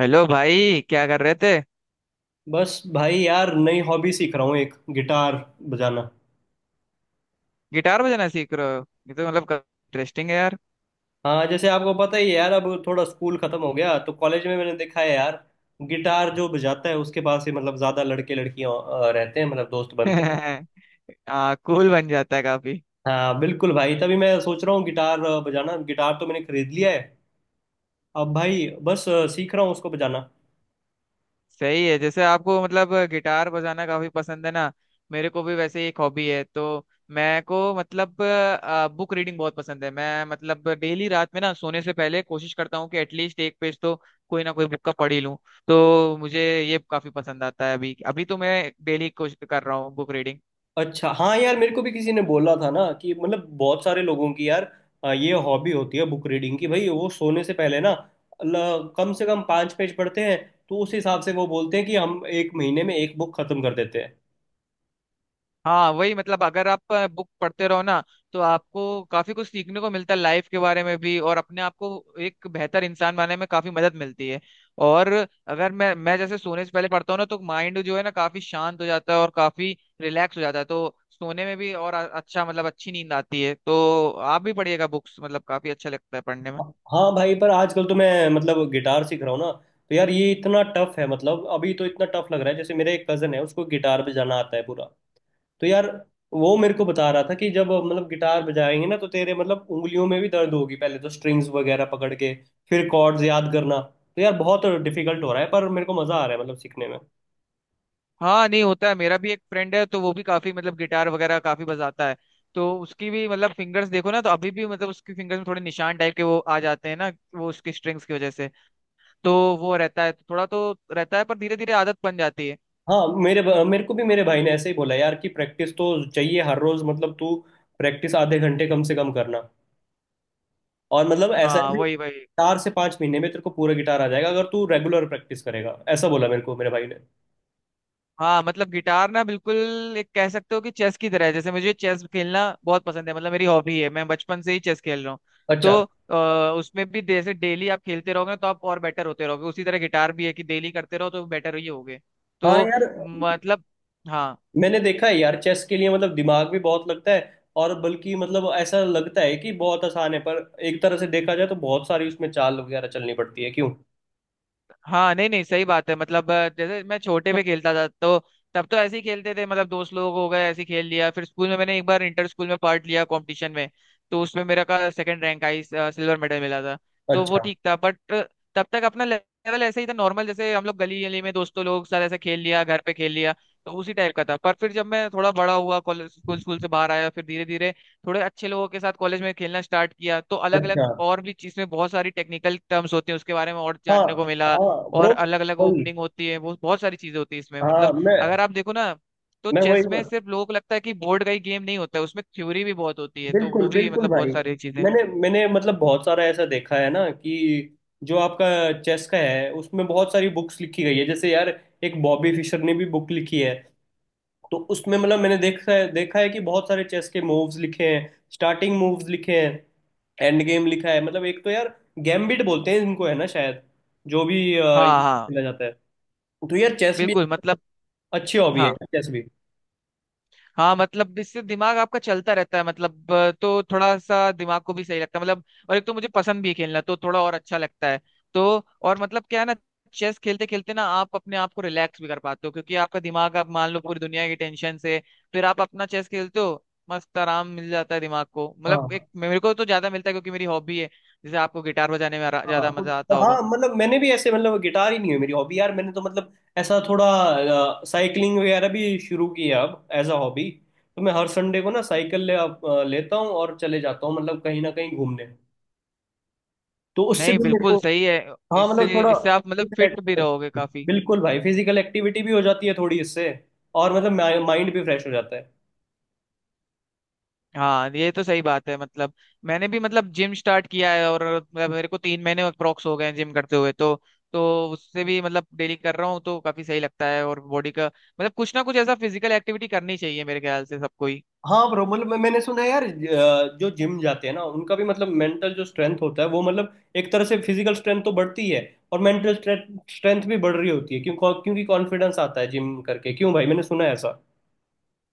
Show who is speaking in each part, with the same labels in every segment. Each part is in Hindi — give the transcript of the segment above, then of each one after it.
Speaker 1: हेलो भाई। क्या कर रहे थे?
Speaker 2: बस भाई यार नई हॉबी सीख रहा हूँ एक गिटार बजाना।
Speaker 1: गिटार बजाना सीख रहे हो? ये तो मतलब इंटरेस्टिंग है यार।
Speaker 2: हाँ जैसे आपको पता ही है यार, अब थोड़ा स्कूल खत्म हो गया तो कॉलेज में मैंने देखा है यार, गिटार जो बजाता है उसके पास ही मतलब ज्यादा लड़के लड़कियां रहते हैं, मतलब दोस्त बनते हैं।
Speaker 1: कूल बन जाता है काफी।
Speaker 2: हाँ बिल्कुल भाई, तभी मैं सोच रहा हूँ गिटार बजाना। गिटार तो मैंने खरीद लिया है, अब भाई बस सीख रहा हूँ उसको बजाना।
Speaker 1: सही है। जैसे आपको मतलब गिटार बजाना काफी पसंद है ना। मेरे को भी वैसे ही एक हॉबी है, तो मैं को मतलब बुक रीडिंग बहुत पसंद है। मैं मतलब डेली रात में ना सोने से पहले कोशिश करता हूँ कि एटलीस्ट एक पेज तो कोई ना कोई बुक का पढ़ ही लूँ। तो मुझे ये काफी पसंद आता है। अभी अभी तो मैं डेली कोशिश कर रहा हूँ बुक रीडिंग।
Speaker 2: अच्छा। हाँ यार, मेरे को भी किसी ने बोला था ना कि मतलब बहुत सारे लोगों की यार ये हॉबी होती है बुक रीडिंग की। भाई वो सोने से पहले ना कम से कम 5 पेज पढ़ते हैं। तो उस हिसाब से वो बोलते हैं कि हम एक महीने में एक बुक खत्म कर देते हैं।
Speaker 1: हाँ वही। मतलब अगर आप बुक पढ़ते रहो ना तो आपको काफी कुछ सीखने को मिलता है लाइफ के बारे में भी, और अपने आप को एक बेहतर इंसान बनने में काफी मदद मिलती है। और अगर मैं जैसे सोने से पहले पढ़ता हूँ ना तो माइंड जो है ना काफी शांत हो जाता है और काफी रिलैक्स हो जाता है। तो सोने में भी और अच्छा मतलब अच्छी नींद आती है। तो आप भी पढ़िएगा बुक्स, मतलब काफी अच्छा लगता है पढ़ने में।
Speaker 2: हाँ भाई, पर आजकल तो मैं मतलब गिटार सीख रहा हूँ ना, तो यार ये इतना टफ है, मतलब अभी तो इतना टफ लग रहा है। जैसे मेरे एक कजन है, उसको गिटार बजाना आता है पूरा। तो यार वो मेरे को बता रहा था कि जब मतलब गिटार बजाएंगे ना, तो तेरे मतलब उंगलियों में भी दर्द होगी पहले तो, स्ट्रिंग्स वगैरह पकड़ के फिर कॉर्ड्स याद करना। तो यार बहुत डिफिकल्ट हो रहा है, पर मेरे को मजा आ रहा है मतलब सीखने में।
Speaker 1: हाँ। नहीं होता है। मेरा भी एक फ्रेंड है तो वो भी काफी मतलब गिटार वगैरह काफी बजाता है। तो उसकी भी मतलब फिंगर्स देखो ना तो अभी भी मतलब उसकी फिंगर्स में थोड़े निशान टाइप के वो आ जाते हैं ना, वो उसकी स्ट्रिंग्स की वजह से। तो वो रहता है, थोड़ा तो रहता है, पर धीरे धीरे आदत बन जाती है।
Speaker 2: हाँ, मेरे मेरे को भी मेरे भाई ने ऐसे ही बोला यार कि प्रैक्टिस तो चाहिए हर रोज, मतलब तू प्रैक्टिस आधे घंटे कम से कम करना। और मतलब ऐसा
Speaker 1: हाँ
Speaker 2: है कि
Speaker 1: वही वही।
Speaker 2: 4 से 5 महीने में तेरे को पूरा गिटार आ जाएगा अगर तू रेगुलर प्रैक्टिस करेगा। ऐसा बोला मेरे को मेरे भाई ने।
Speaker 1: हाँ मतलब गिटार ना बिल्कुल एक कह सकते हो कि चेस की तरह है। जैसे मुझे चेस खेलना बहुत पसंद है, मतलब मेरी हॉबी है। मैं बचपन से ही चेस खेल रहा हूँ।
Speaker 2: अच्छा।
Speaker 1: तो अ, उसमें भी जैसे डेली आप खेलते रहोगे ना, तो आप और बेटर होते रहोगे। उसी तरह गिटार भी है कि डेली करते रहो तो बेटर ही होगे।
Speaker 2: हाँ
Speaker 1: तो
Speaker 2: यार,
Speaker 1: मतलब हाँ।
Speaker 2: मैंने देखा है यार चेस के लिए मतलब दिमाग भी बहुत लगता है। और बल्कि मतलब ऐसा लगता है कि बहुत आसान है, पर एक तरह से देखा जाए तो बहुत सारी उसमें चाल वगैरह चलनी पड़ती है, क्यों।
Speaker 1: हाँ नहीं नहीं, सही बात है। मतलब जैसे मैं छोटे पे खेलता था तो तब तो ऐसे ही खेलते थे, मतलब दोस्त लोग हो गए ऐसे ही खेल लिया। फिर स्कूल में मैंने एक बार इंटर स्कूल में पार्ट लिया कंपटीशन में, तो उसमें मेरा का सेकंड रैंक आई, सिल्वर मेडल मिला था। तो वो
Speaker 2: अच्छा।
Speaker 1: ठीक था, बट तब तक अपना लेवल ऐसे ही था नॉर्मल, जैसे हम लोग गली गली में दोस्तों लोग साथ ऐसे खेल लिया, घर पे खेल लिया। तो उसी टाइप का था। पर फिर जब मैं थोड़ा बड़ा हुआ, कॉलेज स्कूल स्कूल से बाहर आया, फिर धीरे धीरे थोड़े अच्छे लोगों के साथ कॉलेज में खेलना स्टार्ट किया, तो अलग अलग
Speaker 2: अच्छा।
Speaker 1: और भी चीज में बहुत सारी टेक्निकल टर्म्स होते हैं उसके बारे में और
Speaker 2: हाँ।
Speaker 1: जानने को मिला।
Speaker 2: हाँ
Speaker 1: और
Speaker 2: ब्रो।
Speaker 1: अलग अलग
Speaker 2: वही।
Speaker 1: ओपनिंग होती है, वो बहुत सारी चीजें होती है इसमें
Speaker 2: हाँ।
Speaker 1: मतलब।
Speaker 2: मैं
Speaker 1: अगर आप देखो ना तो
Speaker 2: मैं वही।
Speaker 1: चेस में सिर्फ लोगों को लगता है कि बोर्ड का ही गेम, नहीं होता है उसमें थ्योरी भी बहुत होती है, तो
Speaker 2: बिल्कुल,
Speaker 1: वो भी
Speaker 2: बिल्कुल
Speaker 1: मतलब
Speaker 2: भाई।
Speaker 1: बहुत सारी चीजें।
Speaker 2: मैंने मैंने मतलब बहुत सारा ऐसा देखा है ना कि जो आपका चेस का है उसमें बहुत सारी बुक्स लिखी गई है। जैसे यार एक बॉबी फिशर ने भी बुक लिखी है। तो उसमें मतलब मैंने देखा है कि बहुत सारे चेस के मूव्स लिखे हैं, स्टार्टिंग मूव्स लिखे हैं, एंड गेम लिखा है। मतलब एक तो यार गैम्बिट बोलते हैं इनको है ना शायद, जो भी इनको
Speaker 1: हाँ हाँ।
Speaker 2: खेला जाता है। तो यार चेस भी
Speaker 1: बिल्कुल मतलब,
Speaker 2: अच्छी हॉबी है,
Speaker 1: हाँ।
Speaker 2: चेस भी।
Speaker 1: हाँ मतलब इससे दिमाग आपका चलता रहता है, मतलब तो थोड़ा सा दिमाग को भी सही लगता है मतलब। और एक तो मुझे पसंद भी है खेलना, तो थोड़ा और अच्छा लगता है। तो और मतलब क्या है ना, चेस खेलते खेलते ना आप अपने आप को रिलैक्स भी कर पाते हो, क्योंकि आपका दिमाग आप मान लो पूरी दुनिया की टेंशन से फिर आप अपना चेस खेलते हो। मस्त आराम मिल जाता है दिमाग को। मतलब एक
Speaker 2: हाँ।
Speaker 1: मेरे को तो ज्यादा मिलता है, क्योंकि मेरी हॉबी है। जैसे आपको गिटार बजाने में ज्यादा
Speaker 2: हाँ तो।
Speaker 1: मजा आता
Speaker 2: हाँ
Speaker 1: होगा।
Speaker 2: मतलब मैंने भी ऐसे, मतलब गिटार ही नहीं है मेरी हॉबी यार। मैंने तो मतलब ऐसा थोड़ा साइकिलिंग वगैरह भी शुरू की है अब, एज अ हॉबी। तो मैं हर संडे को ना साइकिल ले लेता हूँ और चले जाता हूँ मतलब, कहीं ना कहीं घूमने। तो उससे
Speaker 1: नहीं
Speaker 2: भी मेरे
Speaker 1: बिल्कुल
Speaker 2: को।
Speaker 1: सही है।
Speaker 2: हाँ मतलब
Speaker 1: इससे
Speaker 2: थोड़ा।
Speaker 1: इससे आप मतलब फिट भी रहोगे काफी।
Speaker 2: बिल्कुल भाई, फिजिकल एक्टिविटी भी हो जाती है थोड़ी इससे। और मतलब माइंड भी फ्रेश हो जाता है।
Speaker 1: हाँ ये तो सही बात है। मतलब मैंने भी मतलब जिम स्टार्ट किया है, और मतलब मेरे को 3 महीने अप्रोक्स हो गए हैं जिम करते हुए तो। तो उससे भी मतलब डेली कर रहा हूँ तो काफी सही लगता है। और बॉडी का मतलब कुछ ना कुछ ऐसा फिजिकल एक्टिविटी करनी चाहिए मेरे ख्याल से सबको ही।
Speaker 2: हाँ ब्रो, मतलब मैंने सुना है यार जो जिम जाते हैं ना उनका भी, मतलब मेंटल जो स्ट्रेंथ होता है वो, मतलब एक तरह से फिजिकल स्ट्रेंथ तो बढ़ती ही है और मेंटल स्ट्रेंथ भी बढ़ रही होती है, क्यों। क्योंकि कॉन्फिडेंस आता है जिम करके, क्यों भाई, मैंने सुना है ऐसा।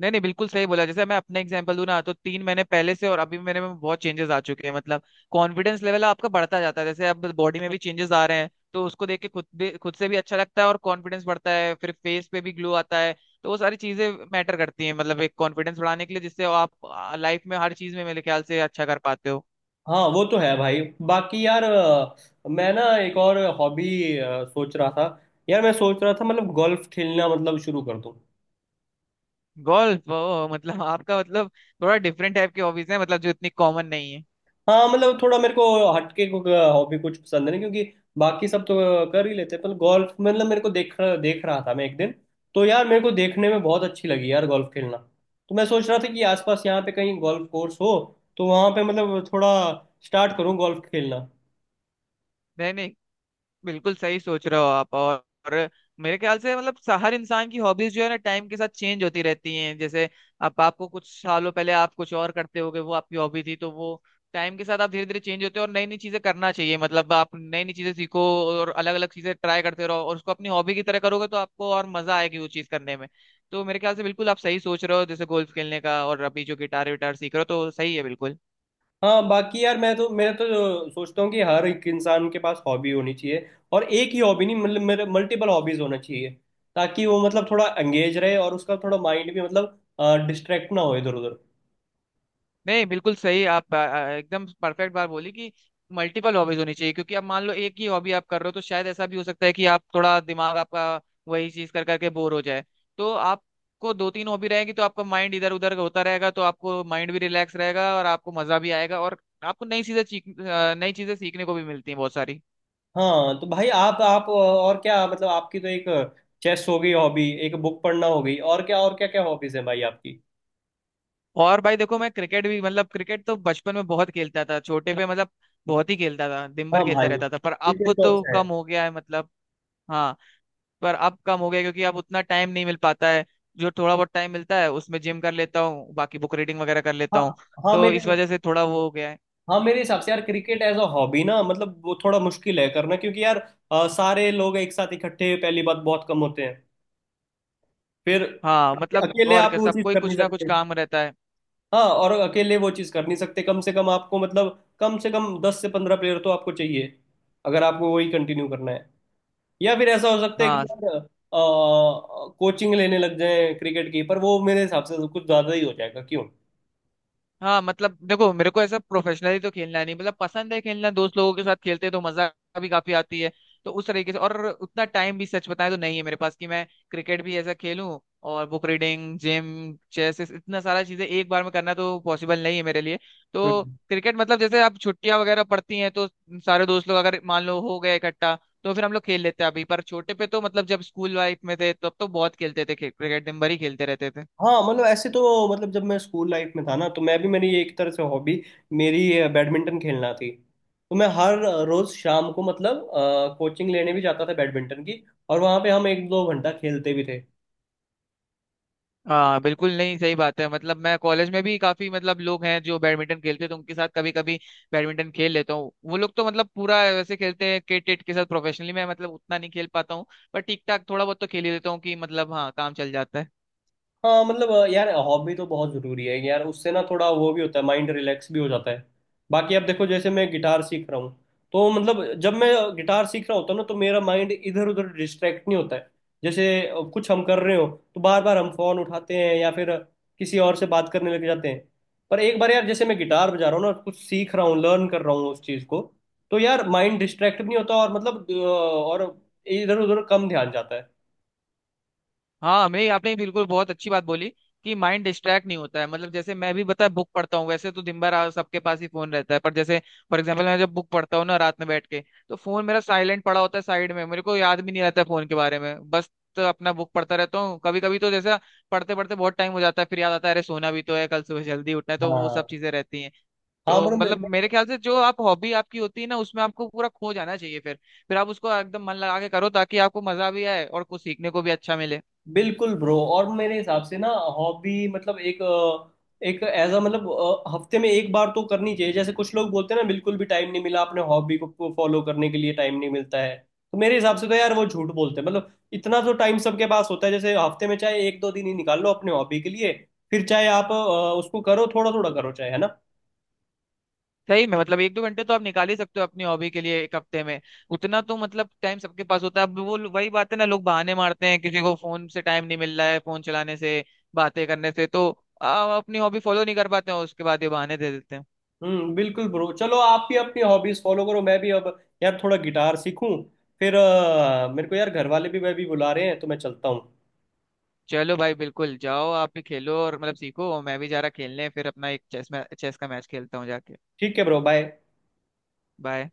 Speaker 1: नहीं नहीं बिल्कुल सही बोला। जैसे मैं अपना एग्जांपल दूं ना तो 3 महीने पहले से और अभी मेरे में बहुत चेंजेस आ चुके हैं मतलब। कॉन्फिडेंस लेवल आपका बढ़ता जाता है। जैसे अब बॉडी में भी चेंजेस आ रहे हैं, तो उसको देख के खुद भी, खुद से भी अच्छा लगता है, और कॉन्फिडेंस बढ़ता है, फिर फेस पे भी ग्लो आता है। तो वो सारी चीजें मैटर करती हैं मतलब एक कॉन्फिडेंस बढ़ाने के लिए, जिससे आप लाइफ में हर चीज में मेरे ख्याल से अच्छा कर पाते हो।
Speaker 2: हाँ वो तो है भाई। बाकी यार मैं ना एक और हॉबी सोच रहा था। यार मैं सोच रहा था, मतलब गोल्फ खेलना मतलब शुरू कर दूं।
Speaker 1: गोल्फ? ओ मतलब आपका मतलब थोड़ा डिफरेंट टाइप की हॉबीज है मतलब, जो इतनी कॉमन नहीं है।
Speaker 2: हाँ मतलब थोड़ा मेरे को हटके को हॉबी कुछ पसंद नहीं, क्योंकि बाकी सब तो कर ही लेते हैं। पर गोल्फ, मतलब मेरे को देख देख रहा था मैं एक दिन, तो यार मेरे को देखने में बहुत अच्छी लगी यार गोल्फ खेलना। तो मैं सोच रहा था कि आसपास यहाँ पे कहीं गोल्फ कोर्स हो तो वहाँ पे मतलब थोड़ा स्टार्ट करूँ गोल्फ खेलना।
Speaker 1: नहीं नहीं बिल्कुल सही सोच रहे हो आप। और मेरे ख्याल से मतलब हर इंसान की हॉबीज जो है ना टाइम के साथ चेंज होती रहती हैं। जैसे आप आपको कुछ सालों पहले आप कुछ और करते होगे, वो आपकी हॉबी थी। तो वो टाइम के साथ आप धीरे धीरे चेंज होते हो, और नई नई चीजें करना चाहिए। मतलब आप नई नई चीजें सीखो और अलग अलग चीजें ट्राई करते रहो, और उसको अपनी हॉबी की तरह करोगे तो आपको और मजा आएगी वो चीज करने में। तो मेरे ख्याल से बिल्कुल आप सही सोच रहे हो जैसे गोल्फ खेलने का, और अभी जो गिटार विटार सीख रहे हो, तो सही है बिल्कुल।
Speaker 2: हाँ, बाकी यार मैं तो सोचता हूँ कि हर एक इंसान के पास हॉबी होनी चाहिए। और एक ही हॉबी नहीं, मतलब मेरे मल्टीपल हॉबीज होना चाहिए, ताकि वो मतलब थोड़ा एंगेज रहे और उसका थोड़ा माइंड भी मतलब डिस्ट्रैक्ट ना हो इधर उधर।
Speaker 1: नहीं बिल्कुल सही। आप आ, आ, एकदम परफेक्ट बात बोली कि मल्टीपल हॉबीज होनी चाहिए, क्योंकि अब मान लो एक ही हॉबी आप कर रहे हो तो शायद ऐसा भी हो सकता है कि आप थोड़ा दिमाग आपका वही चीज कर करके बोर हो जाए। तो आपको दो तीन हॉबी रहेगी तो आपका माइंड इधर उधर होता रहेगा, तो आपको माइंड भी रिलैक्स रहेगा और आपको मजा भी आएगा, और आपको नई चीजें सीखने को भी मिलती हैं बहुत सारी।
Speaker 2: हाँ तो भाई, आप और क्या, मतलब आपकी तो एक चेस हो गई हॉबी, एक बुक पढ़ना हो गई, और क्या, और क्या क्या हॉबीज है भाई आपकी।
Speaker 1: और भाई देखो मैं क्रिकेट भी मतलब, क्रिकेट तो बचपन में बहुत खेलता था छोटे पे मतलब। बहुत ही खेलता था, दिन भर
Speaker 2: हाँ
Speaker 1: खेलता
Speaker 2: भाई,
Speaker 1: रहता था, पर
Speaker 2: क्रिकेट
Speaker 1: अब
Speaker 2: तो
Speaker 1: तो
Speaker 2: अच्छा है।
Speaker 1: कम हो गया है मतलब। हाँ। पर अब कम हो गया क्योंकि अब उतना टाइम नहीं मिल पाता है। जो थोड़ा बहुत टाइम मिलता है उसमें जिम कर लेता हूँ, बाकी बुक रीडिंग वगैरह कर लेता
Speaker 2: हाँ।
Speaker 1: हूँ।
Speaker 2: हाँ
Speaker 1: तो इस
Speaker 2: मेरे
Speaker 1: वजह से थोड़ा वो हो गया है।
Speaker 2: हाँ, मेरे हिसाब से यार क्रिकेट एज अ हॉबी ना, मतलब वो थोड़ा मुश्किल है करना, क्योंकि यार सारे लोग एक साथ इकट्ठे पहली बात बहुत कम होते हैं। फिर
Speaker 1: हाँ मतलब
Speaker 2: अकेले
Speaker 1: और
Speaker 2: आप
Speaker 1: क्या,
Speaker 2: वो चीज़
Speaker 1: सबको ही
Speaker 2: कर नहीं
Speaker 1: कुछ ना कुछ
Speaker 2: सकते।
Speaker 1: काम रहता है।
Speaker 2: हाँ, और अकेले वो चीज़ कर नहीं सकते। कम से कम आपको मतलब कम से कम 10 से 15 प्लेयर तो आपको चाहिए अगर आपको वही कंटिन्यू करना है। या फिर ऐसा हो सकता है कि
Speaker 1: हाँ।
Speaker 2: यार कोचिंग लेने लग जाए क्रिकेट की, पर वो मेरे हिसाब से तो कुछ ज्यादा ही हो जाएगा, क्यों।
Speaker 1: हाँ मतलब देखो मेरे को ऐसा प्रोफेशनली तो खेलना नहीं, मतलब पसंद है खेलना दोस्त लोगों के साथ, खेलते हैं तो मजा भी काफी आती है। तो उस तरीके से। और उतना टाइम भी सच बताएं तो नहीं है मेरे पास कि मैं क्रिकेट भी ऐसा खेलूं, और बुक रीडिंग, जिम, चेस इतना सारा चीजें एक बार में करना तो पॉसिबल नहीं है मेरे लिए। तो
Speaker 2: हम्म।
Speaker 1: क्रिकेट मतलब जैसे आप छुट्टियां वगैरह पड़ती हैं तो सारे दोस्त लोग अगर मान लो हो गए इकट्ठा तो फिर हम लोग खेल लेते हैं अभी। पर छोटे पे तो मतलब जब स्कूल लाइफ में थे तब तो बहुत खेलते थे क्रिकेट, दिन भर ही खेलते रहते थे।
Speaker 2: हाँ मतलब ऐसे तो, मतलब जब मैं स्कूल लाइफ में था ना, तो मैं भी, मेरी एक तरह से हॉबी मेरी बैडमिंटन खेलना थी। तो मैं हर रोज शाम को मतलब कोचिंग लेने भी जाता था बैडमिंटन की, और वहाँ पे हम एक दो घंटा खेलते भी थे।
Speaker 1: हाँ बिल्कुल। नहीं सही बात है। मतलब मैं कॉलेज में भी काफी मतलब लोग हैं जो बैडमिंटन खेलते हैं तो उनके साथ कभी कभी बैडमिंटन खेल लेता हूँ। वो लोग तो मतलब पूरा वैसे खेलते हैं, क्रिकेट टेट के साथ प्रोफेशनली। मैं मतलब उतना नहीं खेल पाता हूँ, पर ठीक ठाक थोड़ा बहुत तो खेल ही लेता हूँ कि मतलब हाँ, काम चल जाता है।
Speaker 2: हाँ मतलब यार हॉबी तो बहुत ज़रूरी है यार, उससे ना थोड़ा वो भी होता है, माइंड रिलैक्स भी हो जाता है। बाकी अब देखो, जैसे मैं गिटार सीख रहा हूँ, तो मतलब जब मैं गिटार सीख रहा होता हूँ ना, तो मेरा माइंड इधर उधर डिस्ट्रैक्ट नहीं होता है। जैसे कुछ हम कर रहे हो, तो बार बार हम फ़ोन उठाते हैं या फिर किसी और से बात करने लग जाते हैं। पर एक बार यार, जैसे मैं गिटार बजा रहा हूँ ना, कुछ सीख रहा हूँ, लर्न कर रहा हूँ उस चीज़ को, तो यार माइंड डिस्ट्रैक्ट भी नहीं होता, और मतलब और इधर उधर कम ध्यान जाता है।
Speaker 1: हाँ, हमें आपने बिल्कुल बहुत अच्छी बात बोली कि माइंड डिस्ट्रैक्ट नहीं होता है। मतलब जैसे मैं भी, पता है, बुक पढ़ता हूँ। वैसे तो दिन भर सबके पास ही फोन रहता है, पर जैसे फॉर एग्जांपल मैं जब बुक पढ़ता हूँ ना रात में बैठ के, तो फोन मेरा साइलेंट पड़ा होता है साइड में, मेरे को याद भी नहीं रहता है फोन के बारे में बस। तो अपना बुक पढ़ता रहता हूँ। कभी कभी तो जैसा पढ़ते पढ़ते बहुत टाइम हो जाता है, फिर याद आता है, अरे सोना भी तो है, कल सुबह जल्दी उठना है, तो वो सब
Speaker 2: हाँ।
Speaker 1: चीजें रहती हैं।
Speaker 2: हाँ
Speaker 1: तो
Speaker 2: मतलब मैं
Speaker 1: मतलब मेरे ख्याल से जो आप हॉबी आपकी होती है ना उसमें आपको पूरा खो जाना चाहिए। फिर आप उसको एकदम मन लगा के करो, ताकि आपको मजा भी आए और कुछ सीखने को भी अच्छा मिले।
Speaker 2: बिल्कुल ब्रो। और मेरे हिसाब से ना, हॉबी मतलब एक एक, एज अ मतलब हफ्ते में एक बार तो करनी चाहिए। जैसे कुछ लोग बोलते हैं ना, बिल्कुल भी टाइम नहीं मिला, अपने हॉबी को फॉलो करने के लिए टाइम नहीं मिलता है। तो मेरे हिसाब से तो यार वो झूठ बोलते हैं, मतलब इतना तो टाइम सबके पास होता है। जैसे हफ्ते में चाहे एक दो दिन ही निकाल लो अपने हॉबी के लिए। फिर चाहे आप उसको करो, थोड़ा थोड़ा करो, चाहे, है ना।
Speaker 1: सही में मतलब एक दो घंटे तो आप निकाल ही सकते हो अपनी हॉबी के लिए एक हफ्ते में। उतना तो मतलब टाइम सबके पास होता है। अब वो वही बात है ना, लोग बहाने मारते हैं, किसी को फोन से टाइम नहीं मिल रहा है, फोन चलाने से, बातें करने से, तो अपनी हॉबी फॉलो नहीं कर पाते हैं, उसके बाद ये बहाने दे देते हैं।
Speaker 2: हम्म, बिल्कुल ब्रो, चलो आप भी अपनी हॉबीज फॉलो करो, मैं भी अब यार थोड़ा गिटार सीखूं। फिर मेरे को यार घर वाले भी, मैं भी बुला रहे हैं, तो मैं चलता हूँ।
Speaker 1: चलो भाई बिल्कुल, जाओ आप भी खेलो और मतलब सीखो, और मैं भी जा रहा खेलने, फिर अपना एक चेस में चेस का मैच खेलता हूँ जाके।
Speaker 2: ठीक है ब्रो, बाय।
Speaker 1: बाय।